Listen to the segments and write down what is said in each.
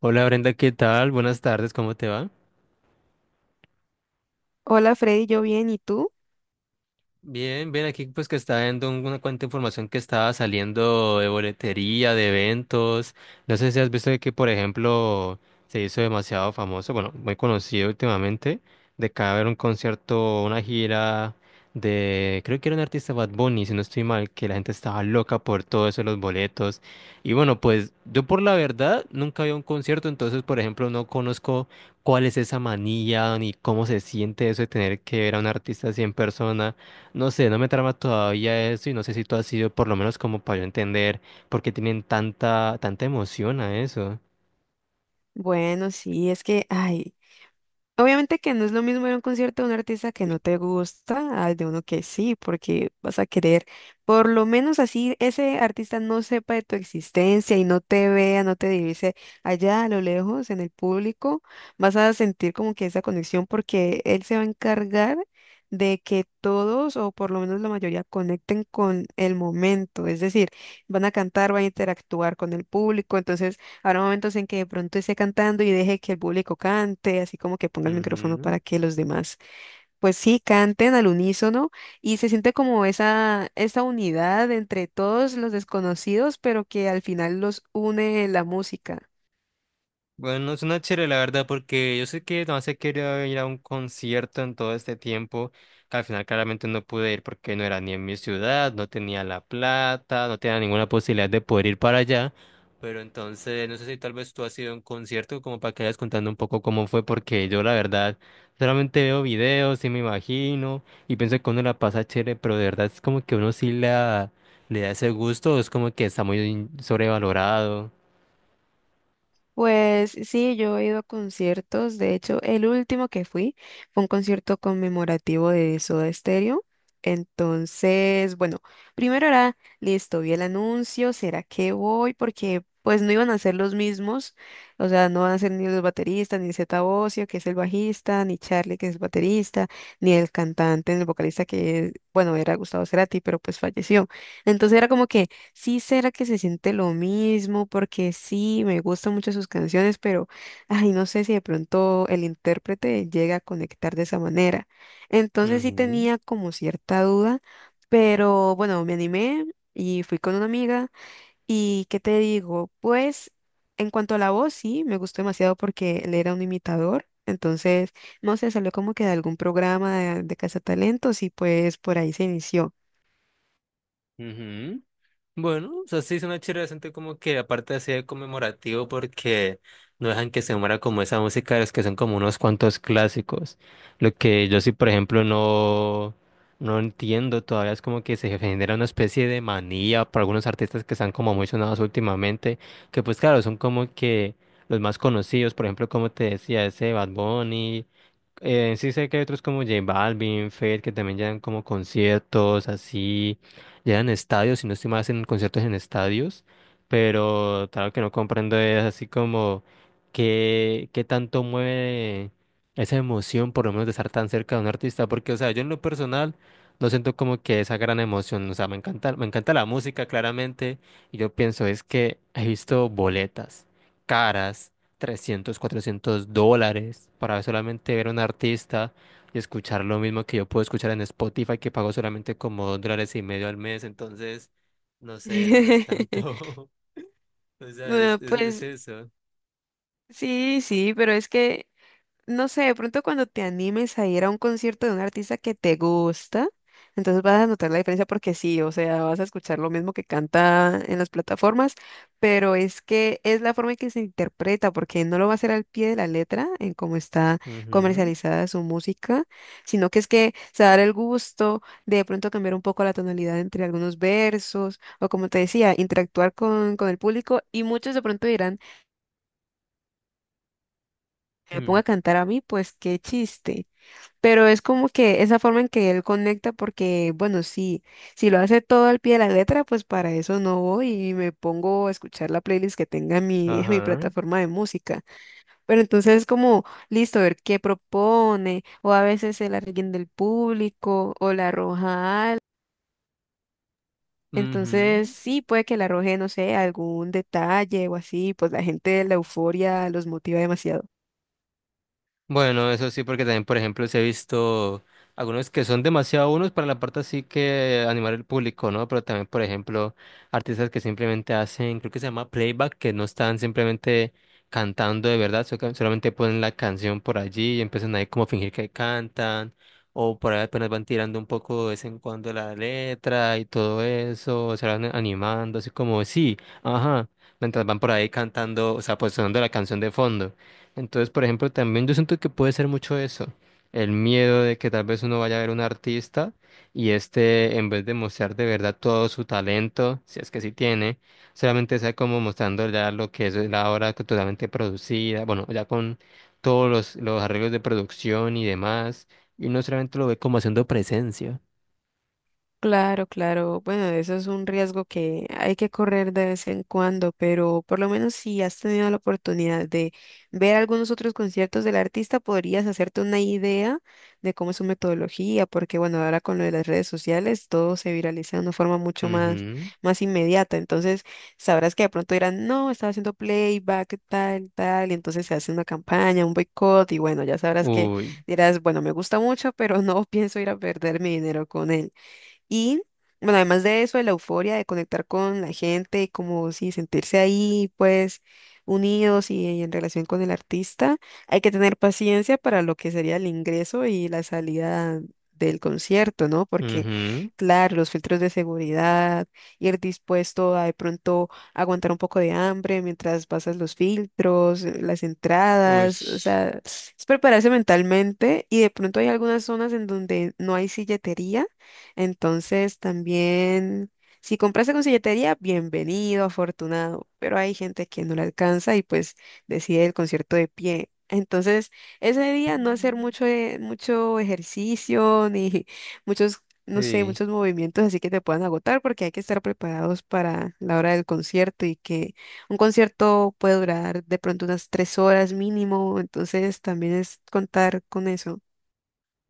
Hola Brenda, ¿qué tal? Buenas tardes, ¿cómo te va? Hola Freddy, yo bien, ¿y tú? Bien, bien, aquí pues que está viendo una cuanta información que estaba saliendo de boletería, de eventos. No sé si has visto de que, por ejemplo, se hizo demasiado famoso, bueno, muy conocido últimamente, de que va a haber un concierto, una gira de, creo que era un artista Bad Bunny, si no estoy mal, que la gente estaba loca por todo eso, de los boletos. Y bueno, pues yo por la verdad nunca había un concierto, entonces, por ejemplo, no conozco cuál es esa manía ni cómo se siente eso de tener que ver a un artista así en persona. No sé, no me trama todavía eso y no sé si tú has sido por lo menos como para yo entender por qué tienen tanta emoción a eso. Bueno, sí, es que, ay, obviamente que no es lo mismo ir a un concierto de un artista que no te gusta al de uno que sí, porque vas a querer, por lo menos así ese artista no sepa de tu existencia y no te vea, no te divise allá a lo lejos en el público, vas a sentir como que esa conexión porque él se va a encargar de que todos o por lo menos la mayoría conecten con el momento, es decir, van a cantar, van a interactuar con el público, entonces... Habrá momentos en que de pronto esté cantando y deje que el público cante, así como que ponga el micrófono Ujú. para que los demás, pues sí, canten al unísono y se siente como esa unidad entre todos los desconocidos, pero que al final los une la música. Bueno, suena chévere la verdad, porque yo sé que no se quería ir a un concierto en todo este tiempo, que al final claramente no pude ir porque no era ni en mi ciudad, no tenía la plata, no tenía ninguna posibilidad de poder ir para allá. Pero entonces, no sé si tal vez tú has ido a un concierto como para que vayas contando un poco cómo fue, porque yo la verdad solamente veo videos y me imagino y pienso que uno la pasa chévere, pero de verdad es como que le da ese gusto, es como que está muy sobrevalorado. Pues sí, yo he ido a conciertos. De hecho, el último que fui fue un concierto conmemorativo de Soda Stereo. Entonces, bueno, primero era, listo, vi el anuncio, ¿será que voy? Porque pues no iban a ser los mismos, o sea, no van a ser ni los bateristas, ni Zeta Bosio, que es el bajista, ni Charlie, que es el baterista, ni el cantante, ni el vocalista, que, bueno, era Gustavo Cerati, pero pues falleció. Entonces era como que... Sí, será que se siente lo mismo, porque sí, me gustan mucho sus canciones, pero ay, no sé si de pronto el intérprete llega a conectar de esa manera. Entonces sí Ujú, tenía como cierta duda, pero bueno, me animé y fui con una amiga. ¿Y qué te digo? Pues en cuanto a la voz, sí, me gustó demasiado porque él era un imitador. Entonces, no sé, salió como que de algún programa de Cazatalentos y pues por ahí se inició. ujú. Bueno, o sea, sí es una chévere decente como que aparte así de conmemorativo porque no dejan que se muera como esa música de los que son como unos cuantos clásicos. Lo que yo sí, por ejemplo, no entiendo todavía es como que se genera una especie de manía para algunos artistas que están como muy sonados últimamente, que pues claro, son como que los más conocidos, por ejemplo, como te decía, ese Bad Bunny sí sé que hay otros como J Balvin, Fate, que también llevan como conciertos, así, llevan estadios, si no estoy mal, hacen conciertos en estadios, pero claro que no comprendo es así como qué tanto mueve esa emoción, por lo menos de estar tan cerca de un artista, porque, o sea, yo en lo personal no siento como que esa gran emoción, o sea, me encanta la música, claramente, y yo pienso, es que he visto boletas caras $300 $400 para solamente ver a un artista y escuchar lo mismo que yo puedo escuchar en Spotify, que pago solamente como $2,5 al mes. Entonces, no sé, no es tanto. O sea, Bueno, es pues eso. sí, sí, pero es que, no sé, de pronto cuando te animes a ir a un concierto de un artista que te gusta, entonces vas a notar la diferencia porque sí, o sea, vas a escuchar lo mismo que canta en las plataformas, pero es que es la forma en que se interpreta, porque no lo va a hacer al pie de la letra en cómo está Ujú, comercializada su música, sino que es que se va a dar el gusto de pronto cambiar un poco la tonalidad entre algunos versos, o como te decía, interactuar con el público, y muchos de pronto dirán me ponga mm. a cantar a mí, pues qué chiste. Pero es como que esa forma en que él conecta, porque bueno, sí, si lo hace todo al pie de la letra, pues para eso no voy y me pongo a escuchar la playlist que tenga en mi, en mi Ajá. plataforma de música. Pero entonces es como, listo, ver qué propone, o a veces el alguien del público, o la arroja algo. Entonces, Ujú. sí, puede que le arroje, no sé, algún detalle o así, pues la gente la euforia los motiva demasiado. Bueno, eso sí, porque también, por ejemplo, se he visto algunos que son demasiado unos para la parte así que animar el público, ¿no? Pero también, por ejemplo, artistas que simplemente hacen, creo que se llama playback, que no están simplemente cantando de verdad, que solamente ponen la canción por allí y empiezan ahí como a fingir que cantan, o por ahí apenas van tirando un poco de vez en cuando la letra y todo eso, se van animando, así como, sí, ajá, mientras van por ahí cantando, o sea, pues sonando la canción de fondo. Entonces, por ejemplo, también yo siento que puede ser mucho eso, el miedo de que tal vez uno vaya a ver un artista y este, en vez de mostrar de verdad todo su talento, si es que sí tiene, solamente sea como mostrando ya lo que es la obra que totalmente producida, bueno, ya con todos los arreglos de producción y demás, y no solamente lo ve como haciendo presencia. Claro, claro. Bueno, eso es un riesgo que hay que correr de vez en cuando, pero por lo menos si has tenido la oportunidad de ver algunos otros conciertos del artista, podrías hacerte una idea de cómo es su metodología, porque bueno, ahora con lo de las redes sociales todo se viraliza de una forma mucho más, Ujú. más inmediata. Entonces, sabrás que de pronto dirán, no, estaba haciendo playback, tal, tal, y entonces se hace una campaña, un boicot, y bueno, ya sabrás que Uy, dirás, bueno, me gusta mucho, pero no pienso ir a perder mi dinero con él. Y bueno, además de eso, de la euforia de conectar con la gente y como si sentirse ahí, pues unidos y en relación con el artista, hay que tener paciencia para lo que sería el ingreso y la salida del concierto, ¿no? Porque, ujú. claro, los filtros de seguridad, ir dispuesto a de pronto aguantar un poco de hambre mientras pasas los filtros, las Uy. entradas, o sea, es prepararse mentalmente y de pronto hay algunas zonas en donde no hay silletería, entonces también, si compraste con silletería, bienvenido, afortunado, pero hay gente que no le alcanza y pues decide el concierto de pie. Entonces, ese día no hacer mucho, mucho ejercicio ni muchos, no sé, Sí. muchos movimientos así que te puedan agotar porque hay que estar preparados para la hora del concierto y que un concierto puede durar de pronto unas 3 horas mínimo, entonces también es contar con eso.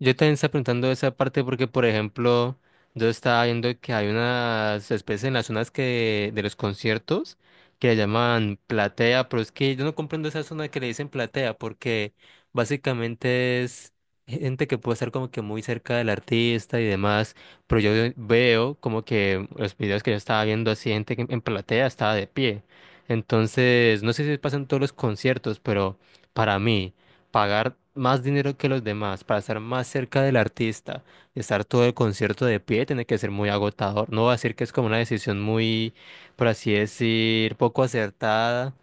Yo también estaba preguntando esa parte porque, por ejemplo, yo estaba viendo que hay unas especies en las zonas que de los conciertos que le llaman platea, pero es que yo no comprendo esa zona que le dicen platea porque básicamente es gente que puede estar como que muy cerca del artista y demás, pero yo veo como que los videos que yo estaba viendo así, gente que en platea estaba de pie. Entonces, no sé si pasa en todos los conciertos, pero para mí pagar más dinero que los demás para estar más cerca del artista, estar todo el concierto de pie, tiene que ser muy agotador. No voy a decir que es como una decisión muy, por así decir, poco acertada,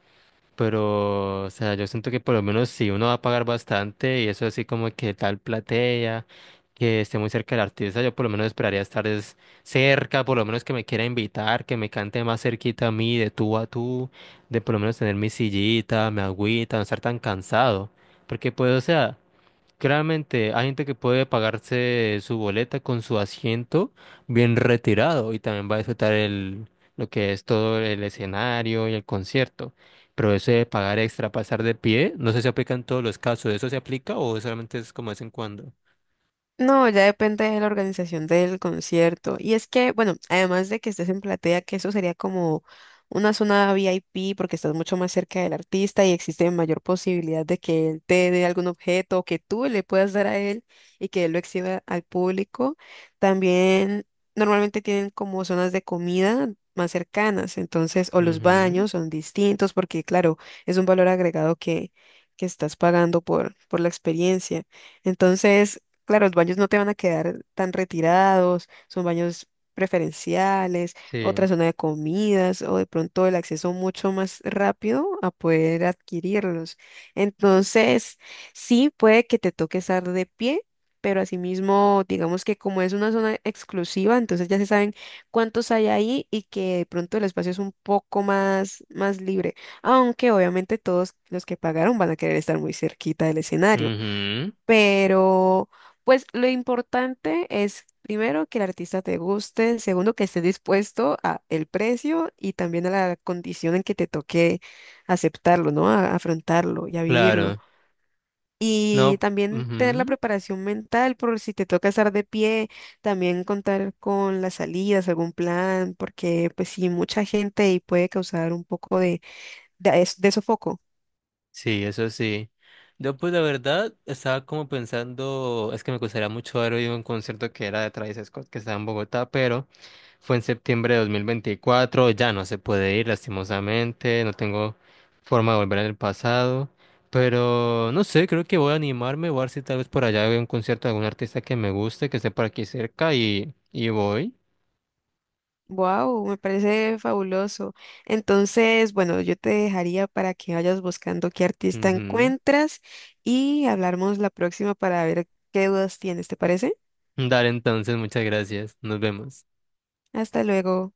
pero, o sea, yo siento que por lo menos si uno va a pagar bastante y eso así como que tal platea, que esté muy cerca del artista, yo por lo menos esperaría cerca, por lo menos que me quiera invitar, que me cante más cerquita a mí, de tú a tú, de por lo menos tener mi sillita, mi agüita, no estar tan cansado. Porque pues, o sea... Claramente, hay gente que puede pagarse su boleta con su asiento bien retirado y también va a disfrutar lo que es todo el escenario y el concierto. Pero eso de pagar extra, pasar de pie, no sé si aplica en todos los casos. ¿Eso se aplica o solamente es como de vez en cuando? No, ya depende de la organización del concierto. Y es que, bueno, además de que estés en platea, que eso sería como una zona VIP porque estás mucho más cerca del artista y existe mayor posibilidad de que él te dé algún objeto o que tú le puedas dar a él y que él lo exhiba al público. También normalmente tienen como zonas de comida más cercanas, entonces, o los Ujú. baños son distintos porque, claro, es un valor agregado que estás pagando por la experiencia. Entonces, claro, los baños no te van a quedar tan retirados, son baños preferenciales, otra Sí. zona de comidas o de pronto el acceso mucho más rápido a poder adquirirlos. Entonces, sí puede que te toque estar de pie, pero asimismo, digamos que como es una zona exclusiva, entonces ya se saben cuántos hay ahí y que de pronto el espacio es un poco más, más libre, aunque obviamente todos los que pagaron van a querer estar muy cerquita del escenario. Ujú. Pero, pues lo importante es, primero, que el artista te guste, segundo, que esté dispuesto a el precio y también a la condición en que te toque aceptarlo, ¿no? A afrontarlo y a vivirlo. Claro. Y No. también tener la Ujú. preparación mental por si te toca estar de pie, también contar con las salidas, algún plan, porque pues sí, mucha gente y puede causar un poco de sofoco. Sí, eso sí. Yo pues la verdad estaba como pensando, es que me gustaría mucho haber oído un concierto que era de Travis Scott que estaba en Bogotá, pero... Fue en septiembre de 2024. Ya no se puede ir lastimosamente, no tengo forma de volver en el pasado, pero no sé, creo que voy a animarme, voy a ver si tal vez por allá veo un concierto de algún artista que me guste, que esté por aquí cerca y voy. Wow, me parece fabuloso. Entonces, bueno, yo te dejaría para que vayas buscando qué artista Ujú. encuentras y hablamos la próxima para ver qué dudas tienes, ¿te parece? Dale entonces, muchas gracias, nos vemos. Hasta luego.